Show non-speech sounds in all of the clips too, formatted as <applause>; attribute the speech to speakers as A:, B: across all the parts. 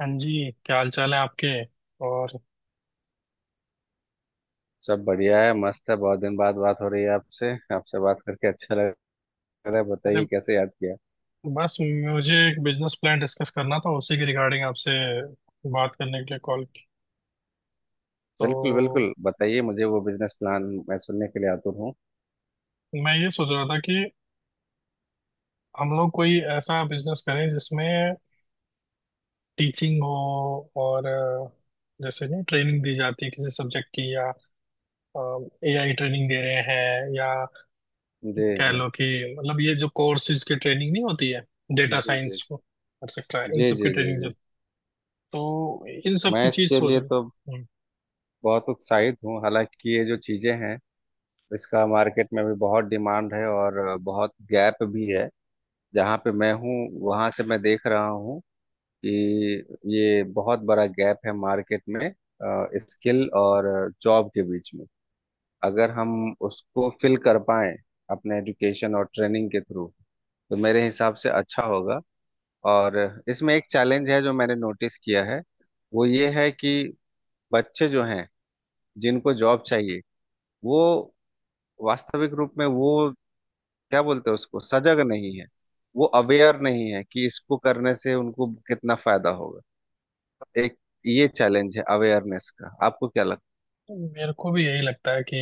A: हाँ जी, क्या हाल चाल है आपके। और,
B: सब बढ़िया है, मस्त है। बहुत दिन बाद बात हो रही है आपसे। आपसे बात करके अच्छा लग रहा है।
A: अरे,
B: बताइए, कैसे याद किया।
A: बस मुझे एक बिजनेस प्लान डिस्कस करना था, उसी के रिगार्डिंग आपसे बात करने के लिए कॉल की। तो
B: बिल्कुल बिल्कुल, बताइए मुझे वो बिजनेस प्लान। मैं सुनने के लिए आतुर हूँ।
A: मैं ये सोच रहा था कि हम लोग कोई ऐसा बिजनेस करें जिसमें टीचिंग हो, और जैसे नहीं ट्रेनिंग दी जाती है किसी सब्जेक्ट की, या एआई ट्रेनिंग दे रहे हैं, या
B: जी।
A: कह
B: जी।
A: लो कि, मतलब ये जो कोर्सेज की ट्रेनिंग नहीं होती है,
B: जी।
A: डेटा
B: जी।
A: साइंस एक्सेट्रा, इन
B: जी।
A: सब की
B: जी। जी।
A: ट्रेनिंग
B: जी।
A: जो, तो इन सब
B: मैं
A: की चीज
B: इसके
A: सोच
B: लिए तो
A: रहा हूँ।
B: बहुत उत्साहित हूँ। हालांकि ये जो चीज़ें हैं, इसका मार्केट में भी बहुत डिमांड है और बहुत गैप भी है। जहाँ पे मैं हूँ, वहाँ से मैं देख रहा हूँ कि ये बहुत बड़ा गैप है मार्केट में, स्किल और जॉब के बीच में। अगर हम उसको फिल कर पाए अपने एजुकेशन और ट्रेनिंग के थ्रू, तो मेरे हिसाब से अच्छा होगा। और इसमें एक चैलेंज है जो मैंने नोटिस किया है। वो ये है कि बच्चे जो हैं, जिनको जॉब चाहिए, वो वास्तविक रूप में, वो क्या बोलते हैं, उसको सजग नहीं है। वो अवेयर नहीं है कि इसको करने से उनको कितना फायदा होगा। एक ये चैलेंज है अवेयरनेस का। आपको क्या लगता
A: मेरे को भी यही लगता है कि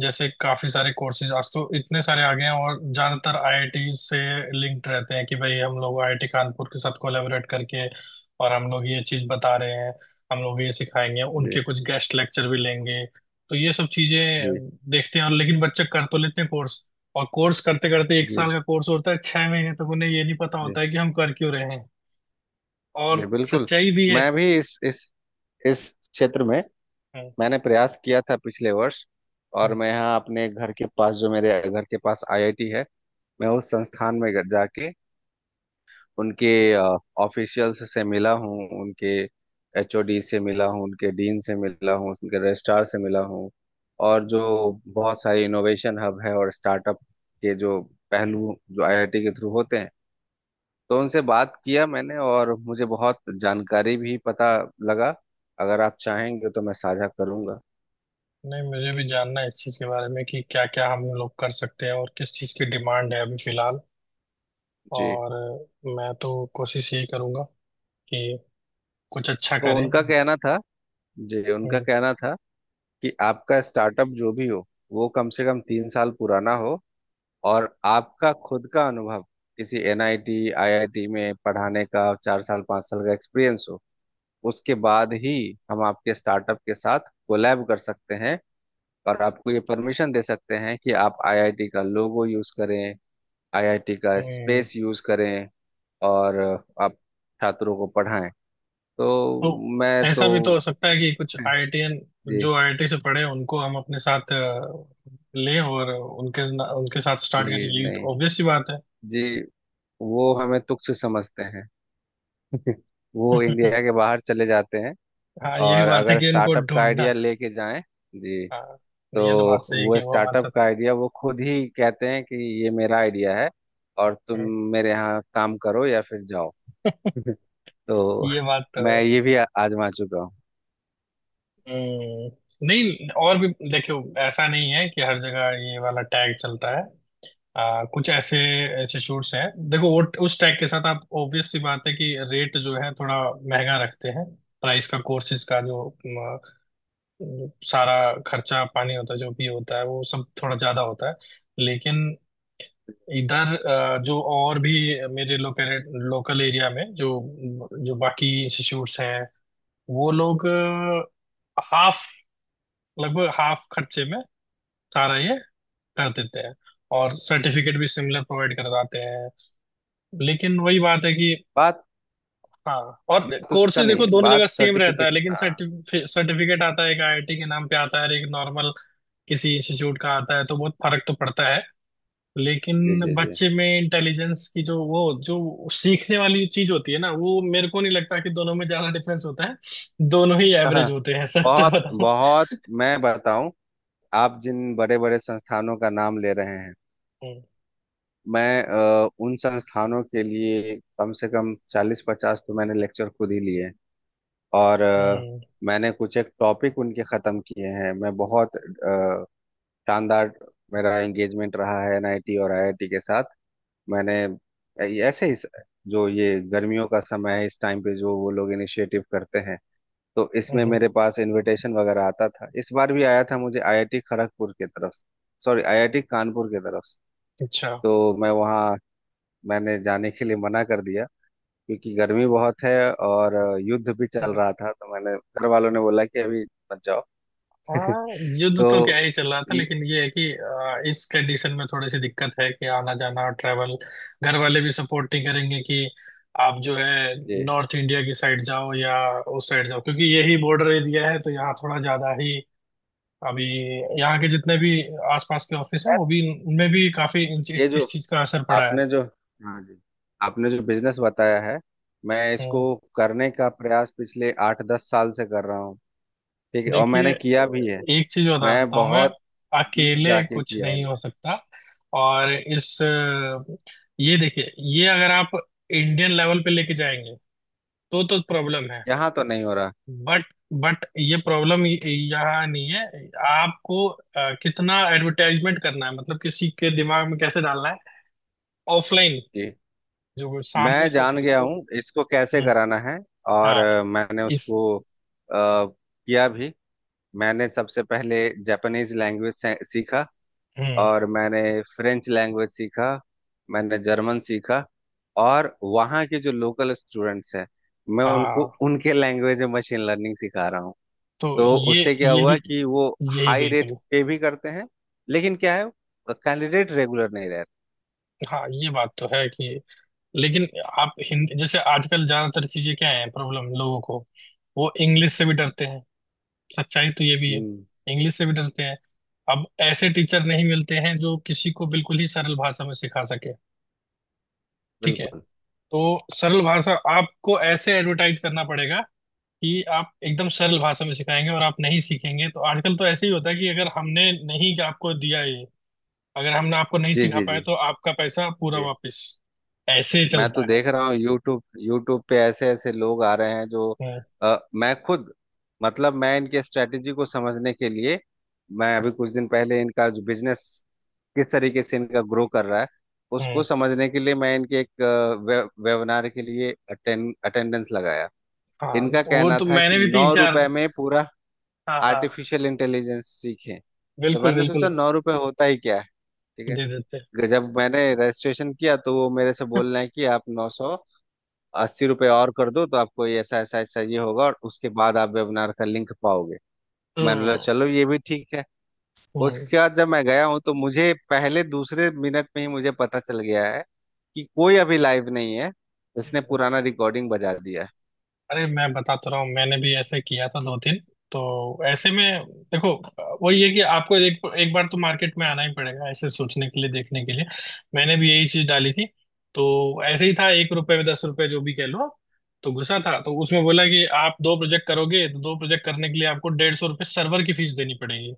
A: जैसे काफी सारे कोर्सेज आज तो इतने सारे आ गए हैं, और ज्यादातर आईआईटी से लिंक्ड रहते हैं कि भाई हम लोग आईआईटी कानपुर के साथ कोलैबोरेट करके, और हम लोग ये चीज बता रहे हैं, हम लोग ये सिखाएंगे,
B: है? जी।
A: उनके कुछ गेस्ट लेक्चर भी लेंगे। तो ये सब चीजें
B: जी।
A: देखते हैं, और लेकिन बच्चे कर तो लेते हैं कोर्स, और कोर्स करते करते 1 साल
B: जी।
A: का कोर्स होता है, 6 महीने तक उन्हें ये नहीं पता
B: जी।
A: होता है कि हम कर क्यों रहे हैं। और
B: जी बिल्कुल।
A: सच्चाई भी है।
B: मैं भी इस क्षेत्र में
A: हम्म,
B: मैंने प्रयास किया था पिछले वर्ष। और
A: हम्म।
B: मैं यहाँ अपने घर के पास, जो मेरे घर के पास आईआईटी है, मैं उस संस्थान में जाके उनके ऑफिशियल्स से मिला हूँ, उनके एचओडी से मिला हूँ, उनके डीन से मिला हूँ, उनके रजिस्ट्रार से मिला हूँ। और जो बहुत सारे इनोवेशन हब है और स्टार्टअप के जो पहलू जो आईआईटी के थ्रू होते हैं, तो उनसे बात किया मैंने और मुझे बहुत जानकारी भी पता लगा। अगर आप चाहेंगे तो मैं साझा करूंगा।
A: नहीं, मुझे भी जानना है इस चीज़ के बारे में कि क्या क्या हम लोग कर सकते हैं, और किस चीज़ की डिमांड है अभी फिलहाल,
B: जी,
A: और मैं तो कोशिश यही करूंगा कि कुछ अच्छा
B: तो
A: करें।
B: उनका कहना था। जी, उनका
A: हम्म,
B: कहना था कि आपका स्टार्टअप जो भी हो, वो कम से कम 3 साल पुराना हो। और आपका खुद का अनुभव किसी एनआईटी आईआईटी में पढ़ाने का 4 साल 5 साल का एक्सपीरियंस हो। उसके बाद ही हम आपके स्टार्टअप के साथ कोलैब कर सकते हैं, और आपको ये परमिशन दे सकते हैं कि आप आईआईटी का लोगो यूज करें, आईआईटी का
A: हम्म,
B: स्पेस यूज करें, और आप छात्रों को पढ़ाएं। तो
A: तो
B: मैं
A: ऐसा
B: तो
A: भी तो हो सकता है
B: उस
A: कि कुछ
B: <laughs>
A: आईआईटीएन
B: जी।
A: जो आईआईटी से पढ़े हैं, उनको हम अपने साथ लें, और उनके उनके साथ
B: जी।
A: स्टार्ट करें। ये
B: नहीं।
A: तो ऑब्वियस सी बात है।
B: जी। वो हमें तुच्छ समझते हैं। <laughs> वो इंडिया
A: <laughs>
B: के बाहर चले जाते हैं।
A: हाँ, ये भी
B: और
A: बात है
B: अगर
A: कि उनको
B: स्टार्टअप का
A: ढूंढना।
B: आइडिया लेके जाएं, जी,
A: हाँ,
B: तो
A: ये तो बात सही है
B: वो
A: कि वो हमारे
B: स्टार्टअप
A: साथ
B: का आइडिया वो खुद ही कहते हैं कि ये मेरा आइडिया है, और तुम
A: हैं।
B: मेरे यहाँ काम करो या फिर जाओ। <laughs> तो
A: ये बात तो है।
B: मैं ये भी आजमा चुका हूँ।
A: हम्म। नहीं, और भी देखियो, ऐसा नहीं है कि हर जगह ये वाला टैग चलता है। कुछ ऐसे इंस्टीट्यूट्स हैं, देखो वो उस टैग के साथ आप ऑब्वियस सी बात है कि रेट जो है थोड़ा महंगा रखते हैं, प्राइस का, कोर्सेज का, जो सारा खर्चा पानी होता है, जो भी होता है, वो सब थोड़ा ज्यादा होता है। लेकिन इधर जो और भी मेरे लोकल लोकल एरिया में जो जो बाकी इंस्टीट्यूट्स हैं, वो लोग हाफ लगभग हाफ खर्चे में सारा ये कर देते हैं, और सर्टिफिकेट भी सिमिलर प्रोवाइड करवाते हैं। लेकिन वही बात है कि,
B: बात
A: हाँ, और
B: बात उसका
A: कोर्सेज
B: नहीं
A: देखो
B: है,
A: दोनों जगह
B: बात
A: सेम रहता है,
B: सर्टिफिकेट।
A: लेकिन
B: हाँ।
A: सर्टिफिकेट आता है, एक आईआईटी के नाम पे आता है और एक नॉर्मल किसी इंस्टीट्यूट का आता है, तो बहुत फर्क तो पड़ता है।
B: जी।
A: लेकिन
B: जी। जी।
A: बच्चे में इंटेलिजेंस की जो वो जो सीखने वाली चीज होती है ना, वो मेरे को नहीं लगता कि दोनों में ज्यादा डिफरेंस होता है, दोनों ही
B: <laughs>
A: एवरेज
B: हाँ।
A: होते हैं, सच तो
B: बहुत
A: बताऊं।
B: बहुत, मैं बताऊं, आप जिन बड़े बड़े संस्थानों का नाम ले रहे हैं,
A: <laughs> हम्म,
B: मैं उन संस्थानों के लिए कम से कम 40-50 तो मैंने लेक्चर खुद ही लिए हैं। और
A: हम्म,
B: मैंने कुछ एक टॉपिक उनके खत्म किए हैं। मैं बहुत शानदार, मेरा एंगेजमेंट रहा है एनआईटी और आईआईटी के साथ। मैंने ऐसे ही, जो ये गर्मियों का समय है, इस टाइम पे जो वो लोग इनिशिएटिव करते हैं, तो इसमें
A: हम्म,
B: मेरे पास इनविटेशन वगैरह आता था। इस बार भी आया था, मुझे आईआईटी खड़गपुर की तरफ से, सॉरी, आईआईटी कानपुर की तरफ से।
A: अच्छा।
B: तो मैं वहाँ, मैंने जाने के लिए मना कर दिया, क्योंकि गर्मी बहुत है। और युद्ध भी चल रहा था, तो मैंने, घर वालों ने बोला कि अभी मत जाओ। <laughs>
A: हाँ, युद्ध तो क्या
B: तो
A: ही चल रहा था,
B: ये
A: लेकिन ये है कि इस कंडीशन में थोड़ी सी दिक्कत है कि आना जाना ट्रैवल, घर वाले भी सपोर्ट नहीं करेंगे कि आप जो है
B: ये
A: नॉर्थ इंडिया की साइड जाओ या उस साइड जाओ, क्योंकि यही बॉर्डर एरिया है, तो यहाँ थोड़ा ज्यादा ही अभी,
B: ये
A: यहाँ के जितने भी आसपास के ऑफिस हैं
B: खैर,
A: वो भी, उनमें भी काफी इन-
B: ये
A: इस,
B: जो
A: इस चीज का असर पड़ा है।
B: आपने जो, हाँ जी, आपने जो बिजनेस बताया है, मैं इसको
A: हम्म।
B: करने का प्रयास पिछले 8-10 साल से कर रहा हूँ। ठीक है, और
A: देखिए,
B: मैंने किया भी है।
A: एक चीज
B: मैं
A: बताता हूँ मैं,
B: बहुत डीप
A: अकेले
B: जाके
A: कुछ
B: किया है।
A: नहीं
B: मैं,
A: हो सकता। और ये देखिए, ये अगर आप इंडियन लेवल पे लेके जाएंगे तो प्रॉब्लम है।
B: यहाँ तो नहीं हो रहा,
A: बट बट ये प्रॉब्लम यहाँ नहीं है। आपको कितना एडवर्टाइजमेंट करना है, मतलब किसी के दिमाग में कैसे डालना है, ऑफलाइन
B: कि
A: जो वो
B: मैं
A: सामने से
B: जान गया
A: देखे।
B: हूँ इसको कैसे
A: हम्म,
B: कराना है। और
A: हाँ,
B: मैंने
A: इस,
B: उसको किया भी। मैंने सबसे पहले जापानीज लैंग्वेज सीखा,
A: हम्म,
B: और मैंने फ्रेंच लैंग्वेज सीखा, मैंने जर्मन सीखा। और वहाँ के जो लोकल स्टूडेंट्स हैं, मैं उनको
A: हाँ,
B: उनके लैंग्वेज में मशीन लर्निंग सिखा रहा हूँ।
A: तो
B: तो
A: ये
B: उससे क्या हुआ
A: यही,
B: कि वो
A: यही
B: हाई रेट
A: बिल्कुल।
B: पे भी करते हैं, लेकिन क्या है, कैंडिडेट रेगुलर नहीं रहते।
A: हाँ, ये बात तो है कि, लेकिन आप हिंदी जैसे आजकल ज्यादातर चीजें क्या है प्रॉब्लम लोगों को, वो इंग्लिश से भी डरते हैं, सच्चाई तो ये भी है।
B: हम्म,
A: इंग्लिश से भी डरते हैं। अब ऐसे टीचर नहीं मिलते हैं जो किसी को बिल्कुल ही सरल भाषा में सिखा सके। ठीक है,
B: बिल्कुल।
A: तो सरल भाषा आपको ऐसे एडवर्टाइज करना पड़ेगा कि आप एकदम सरल भाषा में सिखाएंगे, और आप नहीं सीखेंगे तो आजकल तो ऐसे ही होता है कि अगर हमने नहीं आपको दिया ये, अगर हमने आपको नहीं
B: जी।
A: सिखा
B: जी।
A: पाए
B: जी।
A: तो आपका पैसा पूरा
B: जी।
A: वापस। ऐसे
B: मैं तो
A: चलता है।
B: देख रहा हूँ, यूट्यूब यूट्यूब पे ऐसे ऐसे लोग आ रहे हैं जो,
A: हम्म,
B: मैं खुद, मतलब मैं इनके स्ट्रेटेजी को समझने के लिए, मैं अभी कुछ दिन पहले, इनका जो बिजनेस किस तरीके से इनका ग्रो कर रहा है
A: हम्म,
B: उसको समझने के लिए, मैं इनके एक वेबिनार के लिए अटेंडेंस लगाया।
A: हाँ,
B: इनका
A: तो वो
B: कहना
A: तो
B: था कि
A: मैंने भी तीन
B: नौ
A: चार,
B: रुपए में पूरा
A: हाँ हाँ,
B: आर्टिफिशियल इंटेलिजेंस सीखे। तो
A: बिल्कुल
B: मैंने
A: बिल्कुल,
B: सोचा 9 रुपए होता ही क्या है, ठीक है।
A: दे देते
B: कि जब मैंने रजिस्ट्रेशन किया, तो वो मेरे से
A: हैं।
B: बोल रहे हैं कि आप 980 रुपये और कर दो, तो आपको ये ऐसा ऐसा ऐसा ये होगा, और उसके बाद आप वेबिनार का लिंक पाओगे। मैंने बोला,
A: हम्म,
B: चलो ये भी ठीक है।
A: हम्म।
B: उसके बाद जब मैं गया हूँ, तो मुझे पहले दूसरे मिनट में ही मुझे पता चल गया है कि कोई अभी लाइव नहीं है, इसने पुराना रिकॉर्डिंग बजा दिया है।
A: अरे, मैं बताता रहा हूँ, मैंने भी ऐसे किया था दो तीन। तो ऐसे में देखो, वही है कि आपको एक एक बार तो मार्केट में आना ही पड़ेगा, ऐसे सोचने के लिए, देखने के लिए। मैंने भी यही चीज डाली थी। तो ऐसे ही था, 1 रुपए में 10 रुपए जो भी कह लो आप, तो घुसा था, तो उसमें बोला कि आप दो प्रोजेक्ट करोगे तो दो प्रोजेक्ट करने के लिए आपको डेढ़ सौ रुपये सर्वर की फीस देनी पड़ेगी।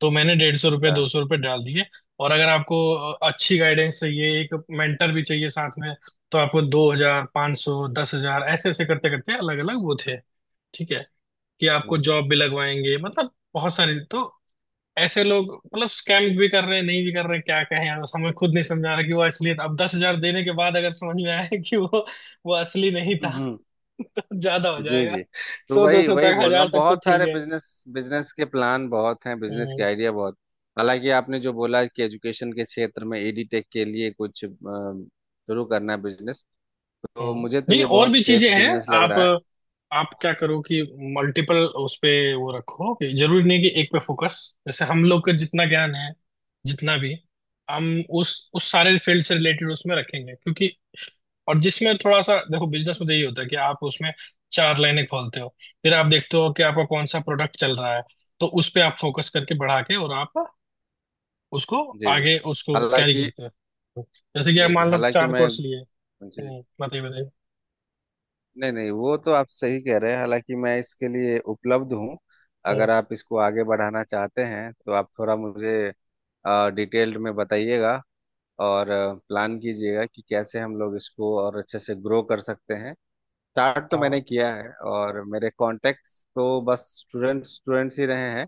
A: तो मैंने 150 रुपये, दो
B: अच्छा।
A: सौ रुपये डाल दिए। और अगर आपको अच्छी गाइडेंस चाहिए, एक मेंटर भी चाहिए साथ में, तो आपको 2,000, 500, 10,000, ऐसे ऐसे करते करते अलग अलग वो थे। ठीक है कि आपको
B: हम्म।
A: जॉब भी लगवाएंगे, मतलब बहुत सारी, तो ऐसे लोग मतलब स्कैम भी कर रहे हैं, नहीं भी कर रहे हैं, क्या कहें, अब हमें खुद नहीं समझा रहा कि वो असली। अब 10,000 देने के बाद अगर समझ में आया कि वो असली नहीं था
B: हम्म,
A: <laughs> तो ज्यादा हो
B: जी।
A: जाएगा।
B: जी, तो
A: सौ दो
B: वही
A: सौ
B: वही
A: तक,
B: बोल रहा
A: हजार
B: हूँ,
A: तक तो
B: बहुत
A: ठीक
B: सारे
A: है।
B: बिजनेस बिजनेस के प्लान बहुत हैं, बिजनेस के
A: हम्म।
B: आइडिया बहुत। हालांकि आपने जो बोला कि एजुकेशन के क्षेत्र में एडीटेक के लिए कुछ शुरू करना है बिजनेस, तो
A: हम्म।
B: मुझे तो
A: नहीं,
B: ये
A: और
B: बहुत
A: भी
B: सेफ
A: चीजें हैं।
B: बिजनेस लग
A: आप
B: रहा है।
A: आप क्या करो कि, मल्टीपल उस पे वो रखो, कि जरूरी नहीं कि एक पे फोकस। जैसे हम लोग का जितना ज्ञान है, जितना भी हम उस सारे फील्ड से रिलेटेड उसमें रखेंगे, क्योंकि, और जिसमें थोड़ा सा देखो बिजनेस में तो यही होता है कि आप उसमें चार लाइनें खोलते हो, फिर आप देखते हो कि आपका कौन सा प्रोडक्ट चल रहा है, तो उस पे आप फोकस करके बढ़ा के, और आप उसको
B: जी। जी।
A: आगे उसको कैरी
B: हालांकि
A: करते हो। जैसे कि आप
B: जी। जी।
A: मान लो
B: हालांकि
A: चार
B: मैं।
A: कोर्स लिए।
B: जी।
A: हम्म, बताइए बताइए।
B: नहीं, नहीं, वो तो आप सही कह रहे हैं, हालांकि मैं इसके लिए उपलब्ध हूँ।
A: हम्म,
B: अगर आप इसको आगे बढ़ाना चाहते हैं, तो आप थोड़ा मुझे डिटेल्ड में बताइएगा, और प्लान कीजिएगा कि कैसे हम लोग इसको और अच्छे से ग्रो कर सकते हैं। स्टार्ट तो मैंने
A: हाँ,
B: किया है, और मेरे कॉन्टेक्ट्स तो बस स्टूडेंट्स स्टूडेंट्स ही रहे हैं।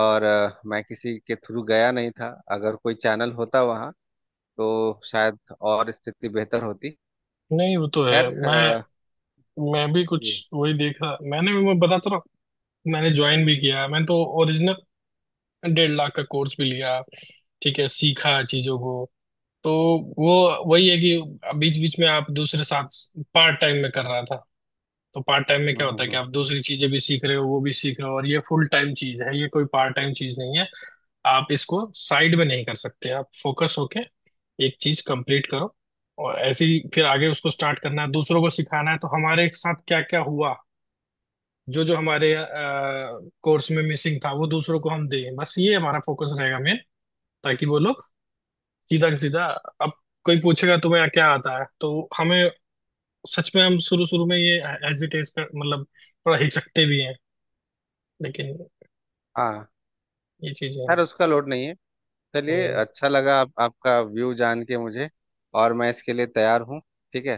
B: और मैं किसी के थ्रू गया नहीं था। अगर कोई चैनल होता वहाँ, तो शायद और स्थिति बेहतर होती।
A: नहीं वो तो है,
B: खैर
A: मैं भी कुछ
B: जी।
A: वही देखा मैंने, मैं बता तो रहा हूँ, मैंने ज्वाइन भी किया, मैंने तो ओरिजिनल 1.5 लाख का कोर्स भी लिया, ठीक है, सीखा चीजों को। तो वो, वही है कि बीच बीच में आप दूसरे साथ पार्ट टाइम में कर रहा था, तो पार्ट टाइम में
B: हम्म।
A: क्या
B: हम्म।
A: होता है कि
B: हम्म।
A: आप दूसरी चीजें भी सीख रहे हो, वो भी सीख रहे हो, और ये फुल टाइम चीज है, ये कोई पार्ट टाइम चीज नहीं है। आप इसको साइड में नहीं कर सकते, आप फोकस होके एक चीज कंप्लीट करो। और ऐसे ही फिर आगे उसको स्टार्ट करना है, दूसरों को सिखाना है। तो हमारे साथ क्या क्या हुआ, जो जो हमारे कोर्स में मिसिंग था, वो दूसरों को हम दें, बस ये हमारा फोकस रहेगा मेन, ताकि वो लोग सीधा सीधा, अब कोई पूछेगा तुम्हें क्या आता है तो, हमें, सच में हम शुरू शुरू में ये हेजिटेट कर मतलब, थोड़ा हिचकते भी हैं, लेकिन
B: हाँ।
A: ये चीजें हैं
B: खैर, उसका लोड नहीं है। चलिए,
A: तो।
B: अच्छा लगा आपका व्यू जान के मुझे, और मैं इसके लिए तैयार हूँ, ठीक है।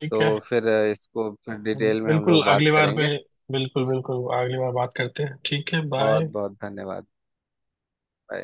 A: ठीक है,
B: तो फिर इसको फिर डिटेल में हम
A: बिल्कुल
B: लोग बात
A: अगली बार
B: करेंगे।
A: में, बिल्कुल बिल्कुल अगली बार बात करते हैं। ठीक है,
B: बहुत
A: बाय।
B: बहुत धन्यवाद।